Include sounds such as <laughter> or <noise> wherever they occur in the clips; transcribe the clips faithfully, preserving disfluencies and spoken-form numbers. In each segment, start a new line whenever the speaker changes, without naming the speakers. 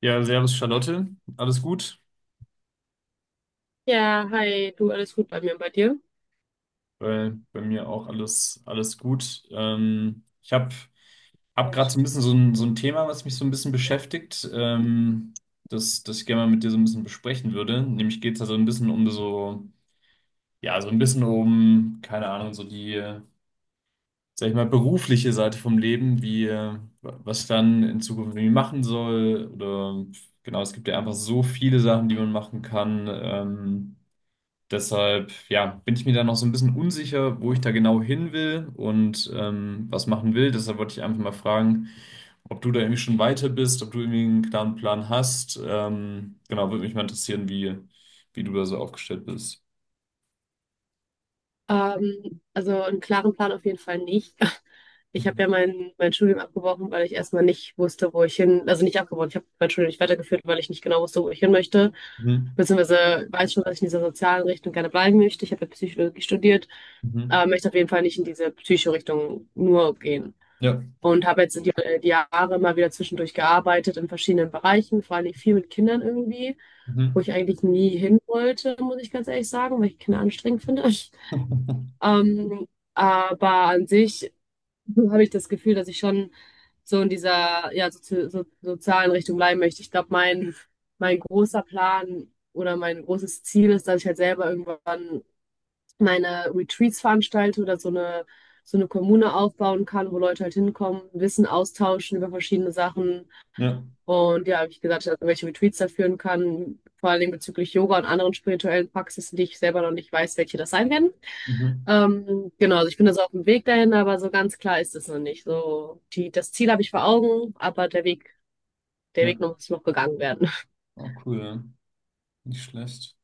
Ja, servus Charlotte, alles gut?
Ja, hi, du, alles gut bei mir und bei dir?
Bei, bei mir auch alles, alles gut. Ähm, ich habe hab hab gerade so ein bisschen so ein, so ein Thema, was mich so ein bisschen beschäftigt, ähm, das, das ich gerne mal mit dir so ein bisschen besprechen würde. Nämlich geht es da so ein bisschen um so, ja, so ein bisschen um, keine Ahnung, so die, äh, sag ich mal, berufliche Seite vom Leben, wie, äh, was ich dann in Zukunft irgendwie machen soll. Oder genau, es gibt ja einfach so viele Sachen, die man machen kann. Ähm, Deshalb, ja, bin ich mir da noch so ein bisschen unsicher, wo ich da genau hin will und ähm, was machen will. Deshalb wollte ich einfach mal fragen, ob du da irgendwie schon weiter bist, ob du irgendwie einen klaren Plan hast. Ähm, genau, würde mich mal interessieren, wie, wie du da so aufgestellt bist.
Ähm, also einen klaren Plan auf jeden Fall nicht. <laughs> Ich habe ja mein, mein Studium abgebrochen, weil ich erstmal nicht wusste, wo ich hin, also nicht abgebrochen, ich habe mein Studium nicht weitergeführt, weil ich nicht genau wusste, wo ich hin möchte.
Mhm.
Beziehungsweise weiß schon, dass ich in dieser sozialen Richtung gerne bleiben möchte. Ich habe ja Psychologie studiert,
Mhm.
aber möchte auf jeden Fall nicht in diese Psycho-Richtung nur gehen.
Ja.
Und habe jetzt die, äh, die Jahre immer wieder zwischendurch gearbeitet in verschiedenen Bereichen, vor allem viel mit Kindern irgendwie, wo
Mhm.
ich eigentlich nie hin wollte, muss ich ganz ehrlich sagen, weil ich Kinder anstrengend finde. <laughs>
<laughs>
Ähm, aber an sich habe ich das Gefühl, dass ich schon so in dieser ja, sozi so, sozialen Richtung bleiben möchte. Ich glaube, mein, mein großer Plan oder mein großes Ziel ist, dass ich halt selber irgendwann meine Retreats veranstalte oder so eine, so eine Kommune aufbauen kann, wo Leute halt hinkommen, Wissen austauschen über verschiedene Sachen.
Ja.
Und ja, wie ich gesagt, habe, welche Retreats da führen kann, vor allem bezüglich Yoga und anderen spirituellen Praxisen, die ich selber noch nicht weiß, welche das sein werden.
Mhm.
Ähm, genau, also ich bin also auf dem Weg dahin, aber so ganz klar ist es noch nicht. So, die, das Ziel habe ich vor Augen, aber der Weg, der
Ja.
Weg noch, muss noch gegangen werden. <laughs>
Oh, cool. Ja. Nicht schlecht.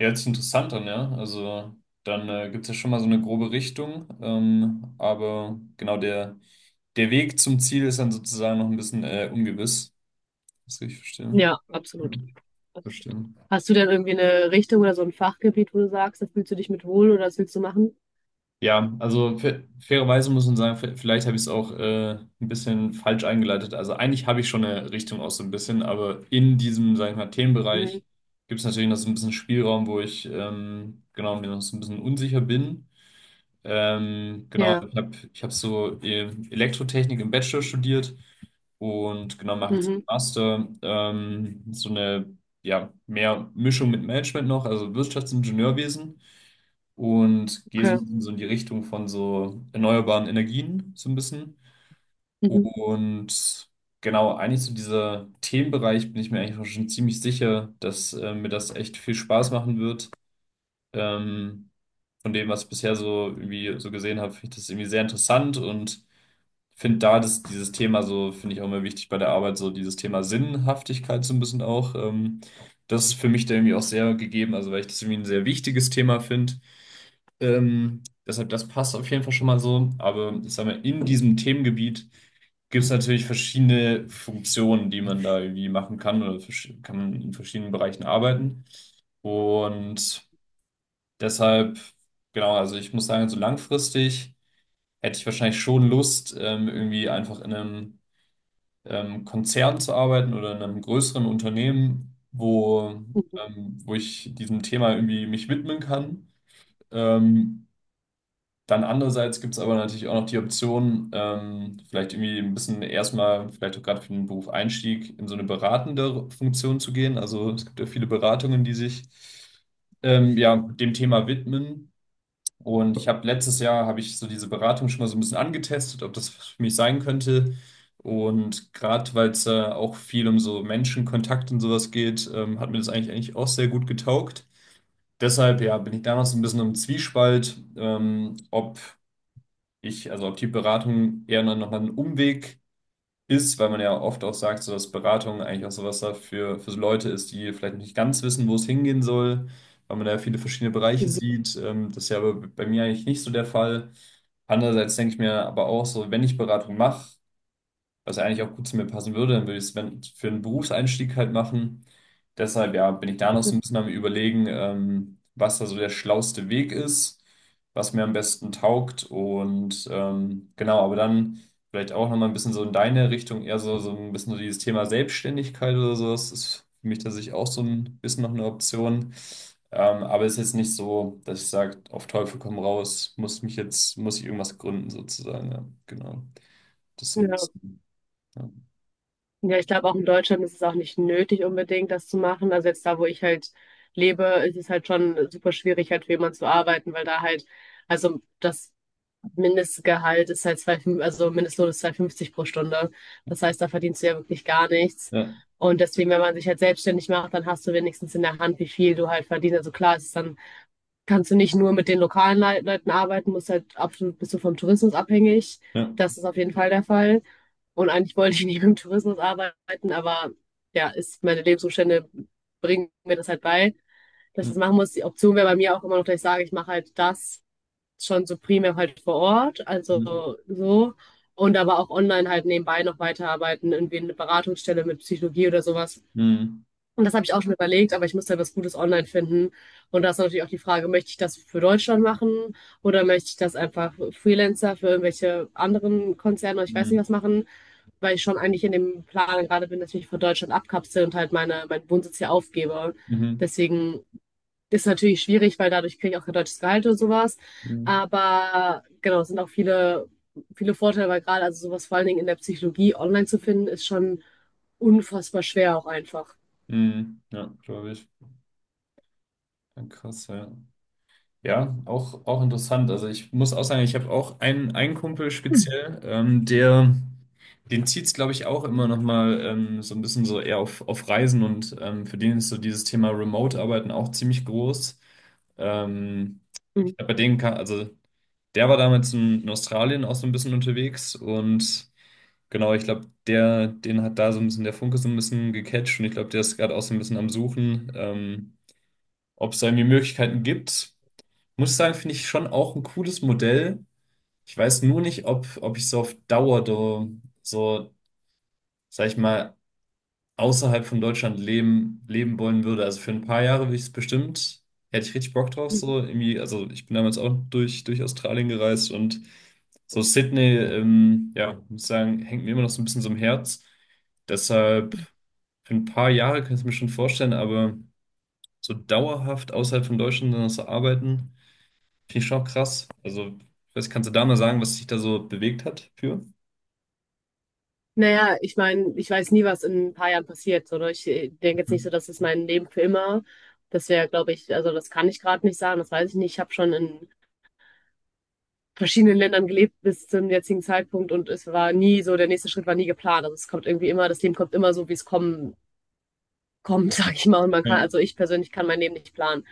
Ja, hört sich interessant an, ja. Also dann äh, gibt es ja schon mal so eine grobe Richtung. Ähm, aber genau der, der Weg zum Ziel ist dann sozusagen noch ein bisschen äh, ungewiss. Das kann ich verstehen.
Ja,
Ja,
absolut.
verstehen.
Hast du denn irgendwie eine Richtung oder so ein Fachgebiet, wo du sagst, da fühlst du dich mit wohl oder das willst du machen?
Ja, also fa- fairerweise muss man sagen, v- vielleicht habe ich es auch äh, ein bisschen falsch eingeleitet. Also eigentlich habe ich schon eine Richtung aus so ein bisschen, aber in diesem, sag ich mal,
Mhm.
Themenbereich gibt es natürlich noch so ein bisschen Spielraum, wo ich ähm, genau mir noch so ein bisschen unsicher bin. Ähm, genau,
Ja,
ich habe ich hab so ähm, Elektrotechnik im Bachelor studiert und genau mache jetzt einen
mhm,
Master. Ähm, so eine ja, mehr Mischung mit Management noch, also Wirtschaftsingenieurwesen und gehe so
okay.
ein bisschen so in die Richtung von so erneuerbaren Energien so ein bisschen.
Mhm.
Und genau, eigentlich zu so dieser Themenbereich bin ich mir eigentlich auch schon ziemlich sicher, dass äh, mir das echt viel Spaß machen wird. Ähm, von dem, was ich bisher so irgendwie so gesehen habe, finde ich das irgendwie sehr interessant und finde da das, dieses Thema so, finde ich auch immer wichtig bei der Arbeit, so dieses Thema Sinnhaftigkeit so ein bisschen auch. Ähm, das ist für mich da irgendwie auch sehr gegeben, also weil ich das irgendwie ein sehr wichtiges Thema finde. Ähm, deshalb, das passt auf jeden Fall schon mal so. Aber ich sag mal, in diesem Themengebiet gibt es natürlich verschiedene Funktionen, die man da irgendwie machen kann oder versch- kann man in verschiedenen Bereichen arbeiten. Und Deshalb, genau, also ich muss sagen, so langfristig hätte ich wahrscheinlich schon Lust, ähm, irgendwie einfach in einem ähm, Konzern zu arbeiten oder in einem größeren Unternehmen, wo,
Mhm.
ähm, wo ich diesem Thema irgendwie mich widmen kann. Ähm, dann andererseits gibt es aber natürlich auch noch die Option, ähm, vielleicht irgendwie ein bisschen erstmal, vielleicht auch gerade für den Beruf Einstieg, in so eine beratende Funktion zu gehen. Also es gibt ja viele Beratungen, die sich ähm, ja, dem Thema widmen. Und ich habe letztes Jahr habe ich so diese Beratung schon mal so ein bisschen angetestet, ob das für mich sein könnte. Und gerade weil es äh, auch viel um so Menschenkontakt und sowas geht, ähm, hat mir das eigentlich eigentlich auch sehr gut getaugt. Deshalb ja, bin ich da noch so ein bisschen im Zwiespalt, ähm, ob ich, also ob die Beratung eher noch noch mal ein Umweg ist, weil man ja oft auch sagt, so dass Beratung eigentlich auch sowas da für, für so Leute ist, die vielleicht nicht ganz wissen, wo es hingehen soll, weil man da ja viele verschiedene Bereiche
Mhm.
sieht. Ähm, das ist ja aber bei mir eigentlich nicht so der Fall. Andererseits denke ich mir aber auch so, wenn ich Beratung mache, was eigentlich auch gut zu mir passen würde. Dann würde ich es wenn- für einen Berufseinstieg halt machen. Deshalb, ja, bin ich da noch so ein bisschen am Überlegen, ähm, was da so der schlauste Weg ist, was mir am besten taugt und ähm, genau, aber dann vielleicht auch nochmal ein bisschen so in deine Richtung, eher so, so ein bisschen so dieses Thema Selbstständigkeit oder sowas ist für mich tatsächlich auch so ein bisschen noch eine Option. Ähm, aber es ist jetzt nicht so, dass ich sage, auf Teufel komm raus, muss mich jetzt, muss ich irgendwas gründen sozusagen, ja, genau. Das ist so ein
Ja.
bisschen, ja.
Ja, ich glaube, auch in Deutschland ist es auch nicht nötig, unbedingt das zu machen. Also jetzt da, wo ich halt lebe, ist es halt schon super schwierig, halt für jemanden zu arbeiten, weil da halt, also das Mindestgehalt ist halt zwei, also Mindestlohn ist zwei Komma fünfzig pro Stunde. Das heißt, da verdienst du ja wirklich gar nichts.
Ja,
Und deswegen, wenn man sich halt selbstständig macht, dann hast du wenigstens in der Hand, wie viel du halt verdienst. Also klar, es ist dann kannst du nicht nur mit den lokalen Le Leuten arbeiten, musst halt absolut bist du vom Tourismus abhängig.
ja.
Das ist auf jeden Fall der Fall. Und eigentlich wollte ich nicht mit dem Tourismus arbeiten, aber ja, ist meine Lebensumstände bringen mir das halt bei, dass ich das
Mhm.
machen muss. Die Option wäre bei mir auch immer noch, dass ich sage, ich mache halt das schon so primär halt vor Ort, also so. Und aber auch online halt nebenbei noch weiterarbeiten, irgendwie eine Beratungsstelle mit Psychologie oder sowas.
Mhm.
Und das habe ich auch schon überlegt, aber ich muss halt was Gutes online finden. Und da ist natürlich auch die Frage, möchte ich das für Deutschland machen oder möchte ich das einfach für Freelancer für irgendwelche anderen Konzerne, oder ich weiß
Mhm.
nicht was machen, weil ich schon eigentlich in dem Plan gerade bin, dass ich mich von Deutschland abkapsel und halt meine, meinen Wohnsitz hier aufgebe.
Mhm.
Deswegen ist es natürlich schwierig, weil dadurch kriege ich auch kein deutsches Gehalt oder sowas. Aber genau, es sind auch viele, viele Vorteile, weil gerade also sowas vor allen Dingen in der Psychologie online zu finden, ist schon unfassbar schwer auch einfach.
Mhm. Ja, glaube ich. Krass, ja. Ja, auch, auch interessant. Also ich muss auch sagen, ich habe auch einen, einen Kumpel speziell, ähm, der, den zieht's, glaube ich, auch immer noch mal ähm, so ein bisschen so eher auf, auf Reisen und ähm, für den ist so dieses Thema Remote-Arbeiten auch ziemlich groß. Ähm, ich glaube,
Mhm.
bei denen kann, also der war damals in, in Australien auch so ein bisschen unterwegs und genau, ich glaube, der, den hat da so ein bisschen der Funke so ein bisschen gecatcht und ich glaube, der ist gerade auch so ein bisschen am Suchen, ähm, ob es da irgendwie Möglichkeiten gibt. Muss sagen, finde ich schon auch ein cooles Modell. Ich weiß nur nicht, ob, ob ich so auf Dauer so, so, sag ich mal, außerhalb von Deutschland leben, leben wollen würde. Also für ein paar Jahre würde ich es bestimmt, hätte ich richtig Bock drauf, so irgendwie, also ich bin damals auch durch, durch Australien gereist und so Sydney, ähm, ja, muss sagen, hängt mir immer noch so ein bisschen so im Herz. Deshalb für ein paar Jahre kann ich es mir schon vorstellen, aber so dauerhaft außerhalb von Deutschland dann noch so arbeiten. Finde ich schon auch krass. Also, was kannst du da mal sagen, was dich da so bewegt hat für?
Naja, ich meine, ich weiß nie, was in ein paar Jahren passiert. So, ne? Ich äh, denke jetzt nicht so,
Mhm.
das ist mein Leben für immer. Das wäre, glaube ich, also das kann ich gerade nicht sagen, das weiß ich nicht. Ich habe schon in verschiedenen Ländern gelebt bis zum jetzigen Zeitpunkt und es war nie so, der nächste Schritt war nie geplant. Also es kommt irgendwie immer, das Leben kommt immer so, wie es kommen kommt, <laughs> sag ich mal. Und man kann,
Ja.
also ich persönlich kann mein Leben nicht planen.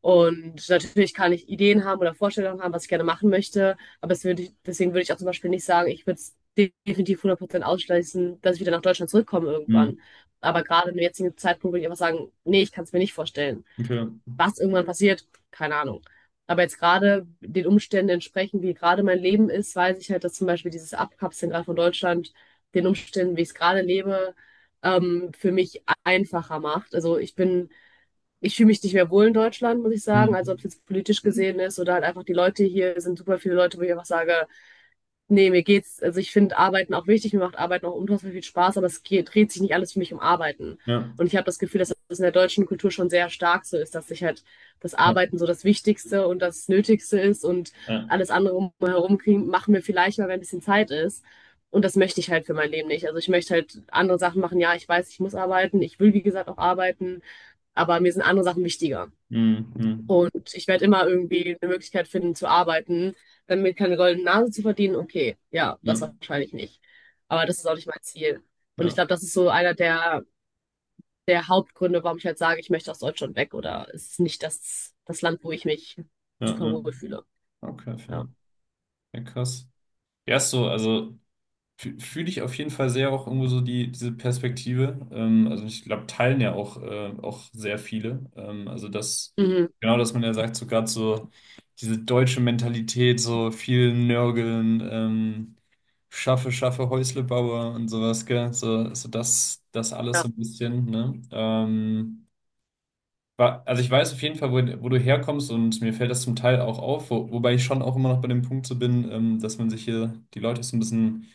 Und natürlich kann ich Ideen haben oder Vorstellungen haben, was ich gerne machen möchte. Aber es würde ich, deswegen würde ich auch zum Beispiel nicht sagen, ich würde es definitiv hundert Prozent ausschließen, dass ich wieder nach Deutschland zurückkomme
Mhm.
irgendwann. Aber gerade im jetzigen Zeitpunkt würde ich einfach sagen, nee, ich kann es mir nicht vorstellen.
Okay.
Was irgendwann passiert, keine Ahnung. Aber jetzt gerade den Umständen entsprechend, wie gerade mein Leben ist, weiß ich halt, dass zum Beispiel dieses Abkapseln gerade von Deutschland den Umständen, wie ich es gerade lebe, ähm, für mich einfacher macht. Also ich bin, ich fühle mich nicht mehr wohl in Deutschland, muss ich sagen. Also ob
Mhm.
es jetzt politisch gesehen ist oder halt einfach die Leute hier sind super viele Leute, wo ich einfach sage, nee, mir geht's, also ich finde Arbeiten auch wichtig, mir macht Arbeiten auch unfassbar viel Spaß, aber es geht, dreht sich nicht alles für mich um Arbeiten.
Ja.
Und ich habe das Gefühl, dass das in der deutschen Kultur schon sehr stark so ist, dass sich halt das
Ja.
Arbeiten so das Wichtigste und das Nötigste ist und
Ja.
alles andere umherum kriegen, machen wir vielleicht mal, wenn ein bisschen Zeit ist. Und das möchte ich halt für mein Leben nicht. Also ich möchte halt andere Sachen machen. Ja, ich weiß, ich muss arbeiten. Ich will, wie gesagt, auch arbeiten, aber mir sind andere Sachen wichtiger.
Mhm. Mhm.
Und ich werde immer irgendwie eine Möglichkeit finden zu arbeiten, dann mir keine goldene Nase zu verdienen. Okay, ja, das
Ja.
wahrscheinlich nicht. Aber das ist auch nicht mein Ziel. Und ich
Ja.
glaube, das ist so einer der, der Hauptgründe, warum ich halt sage, ich möchte aus Deutschland weg oder es ist nicht das, das Land, wo ich mich
Ja.
super
Ja.
wohl fühle.
Okay,
Ja.
fair. Ja, krass. Ja, ist so, also. Fü- Fühle ich auf jeden Fall sehr auch irgendwo so die, diese Perspektive. Ähm, also ich glaube, teilen ja auch, äh, auch sehr viele. Ähm, also das,
Mhm,
genau, dass man ja sagt, so gerade so diese deutsche Mentalität, so viel Nörgeln, ähm, schaffe, schaffe, Häusle baue und sowas, gell? So, so das, das alles
ja,
so ein bisschen, ne? Ähm, wa- also ich weiß auf jeden Fall, wo, wo du herkommst und mir fällt das zum Teil auch auf, wo, wobei ich schon auch immer noch bei dem Punkt so bin, ähm, dass man sich hier die Leute so ein bisschen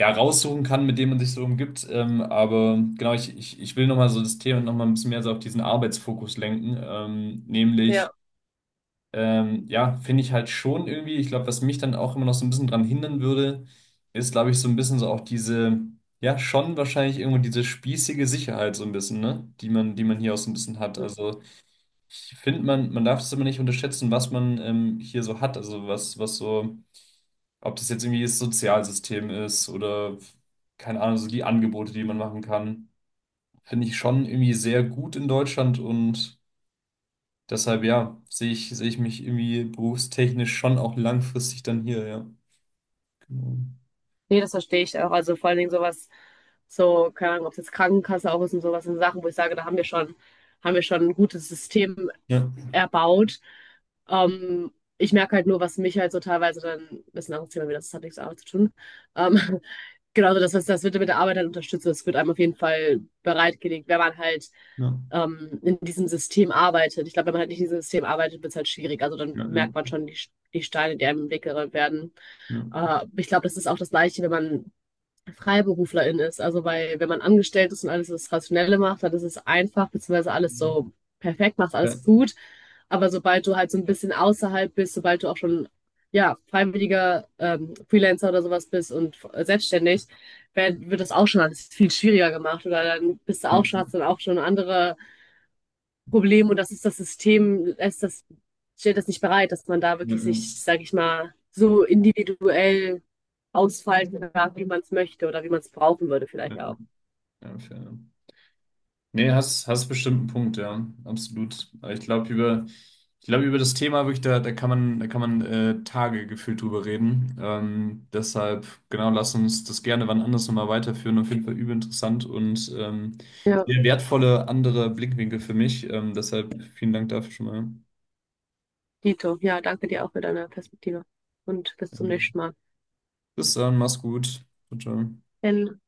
ja, raussuchen kann, mit dem man sich so umgibt. Ähm, aber genau, ich, ich, ich will nochmal so das Thema nochmal ein bisschen mehr so auf diesen Arbeitsfokus lenken. Ähm, nämlich,
ja.
ähm, ja, finde ich halt schon irgendwie, ich glaube, was mich dann auch immer noch so ein bisschen dran hindern würde, ist, glaube ich, so ein bisschen so auch diese, ja, schon wahrscheinlich irgendwo diese spießige Sicherheit so ein bisschen, ne? Die man, die man hier auch so ein bisschen hat. Also ich finde, man, man darf es immer nicht unterschätzen, was man ähm, hier so hat. Also was, was so. Ob das jetzt irgendwie das Sozialsystem ist oder keine Ahnung, so die Angebote, die man machen kann, finde ich schon irgendwie sehr gut in Deutschland und deshalb ja, sehe ich, sehe ich mich irgendwie berufstechnisch schon auch langfristig dann hier, ja. Genau.
Nee, das verstehe ich auch. Also vor allen Dingen sowas, so, keine Ahnung, ob es jetzt Krankenkasse auch ist und sowas, sind Sachen, wo ich sage, da haben wir schon, haben wir schon ein gutes System
Ja,
erbaut. Ähm, ich merke halt nur, was mich halt so teilweise dann, das ist ein anderes Thema, wieder, das hat nichts mit Arbeit zu tun. Ähm, <laughs> genau, so das, was- das wird mit der Arbeit dann unterstützt. Das wird einem auf jeden Fall bereitgelegt, wenn man halt
ja,
ähm, in diesem System arbeitet. Ich glaube, wenn man halt nicht in diesem System arbeitet, wird es halt schwierig. Also dann
ja, ja,
merkt man schon die, die Steine, die einem im Weg gerollt werden.
ja.
Äh, ich glaube, das ist auch das Gleiche, wenn man Freiberuflerin ist. Also weil wenn man angestellt ist und alles das Rationelle macht, dann ist es einfach, beziehungsweise alles so perfekt, machst
Ja,
alles gut. Aber sobald du halt so ein bisschen außerhalb bist, sobald du auch schon ja, freiwilliger ähm, Freelancer oder sowas bist und äh, selbstständig, werd, wird das auch schon alles viel schwieriger gemacht. Oder dann bist du
ja,
auch schon,
ja,
hast dann auch schon andere Problem und das ist das System, lässt das, stellt das nicht bereit, dass man da
ja,
wirklich
ja,
sich, sage ich mal, so individuell ausfalten darf, wie man es möchte oder wie man es brauchen würde
ja,
vielleicht auch.
ja, fair. Nee, hast, hast bestimmt einen Punkt, ja, absolut. Aber Ich glaube, über, ich glaube, über das Thema wirklich, da, da kann man, da kann man äh, Tage gefühlt drüber reden. Ähm, deshalb, genau, lass uns das gerne wann anders nochmal weiterführen. Auf jeden Fall übel interessant und ähm,
Ja,
sehr wertvolle andere Blickwinkel für mich. Ähm, deshalb vielen Dank dafür schon mal.
Dito, ja, danke dir auch für deine Perspektive und bis zum nächsten Mal.
Bis dann, mach's gut. Ciao, ciao.
Denn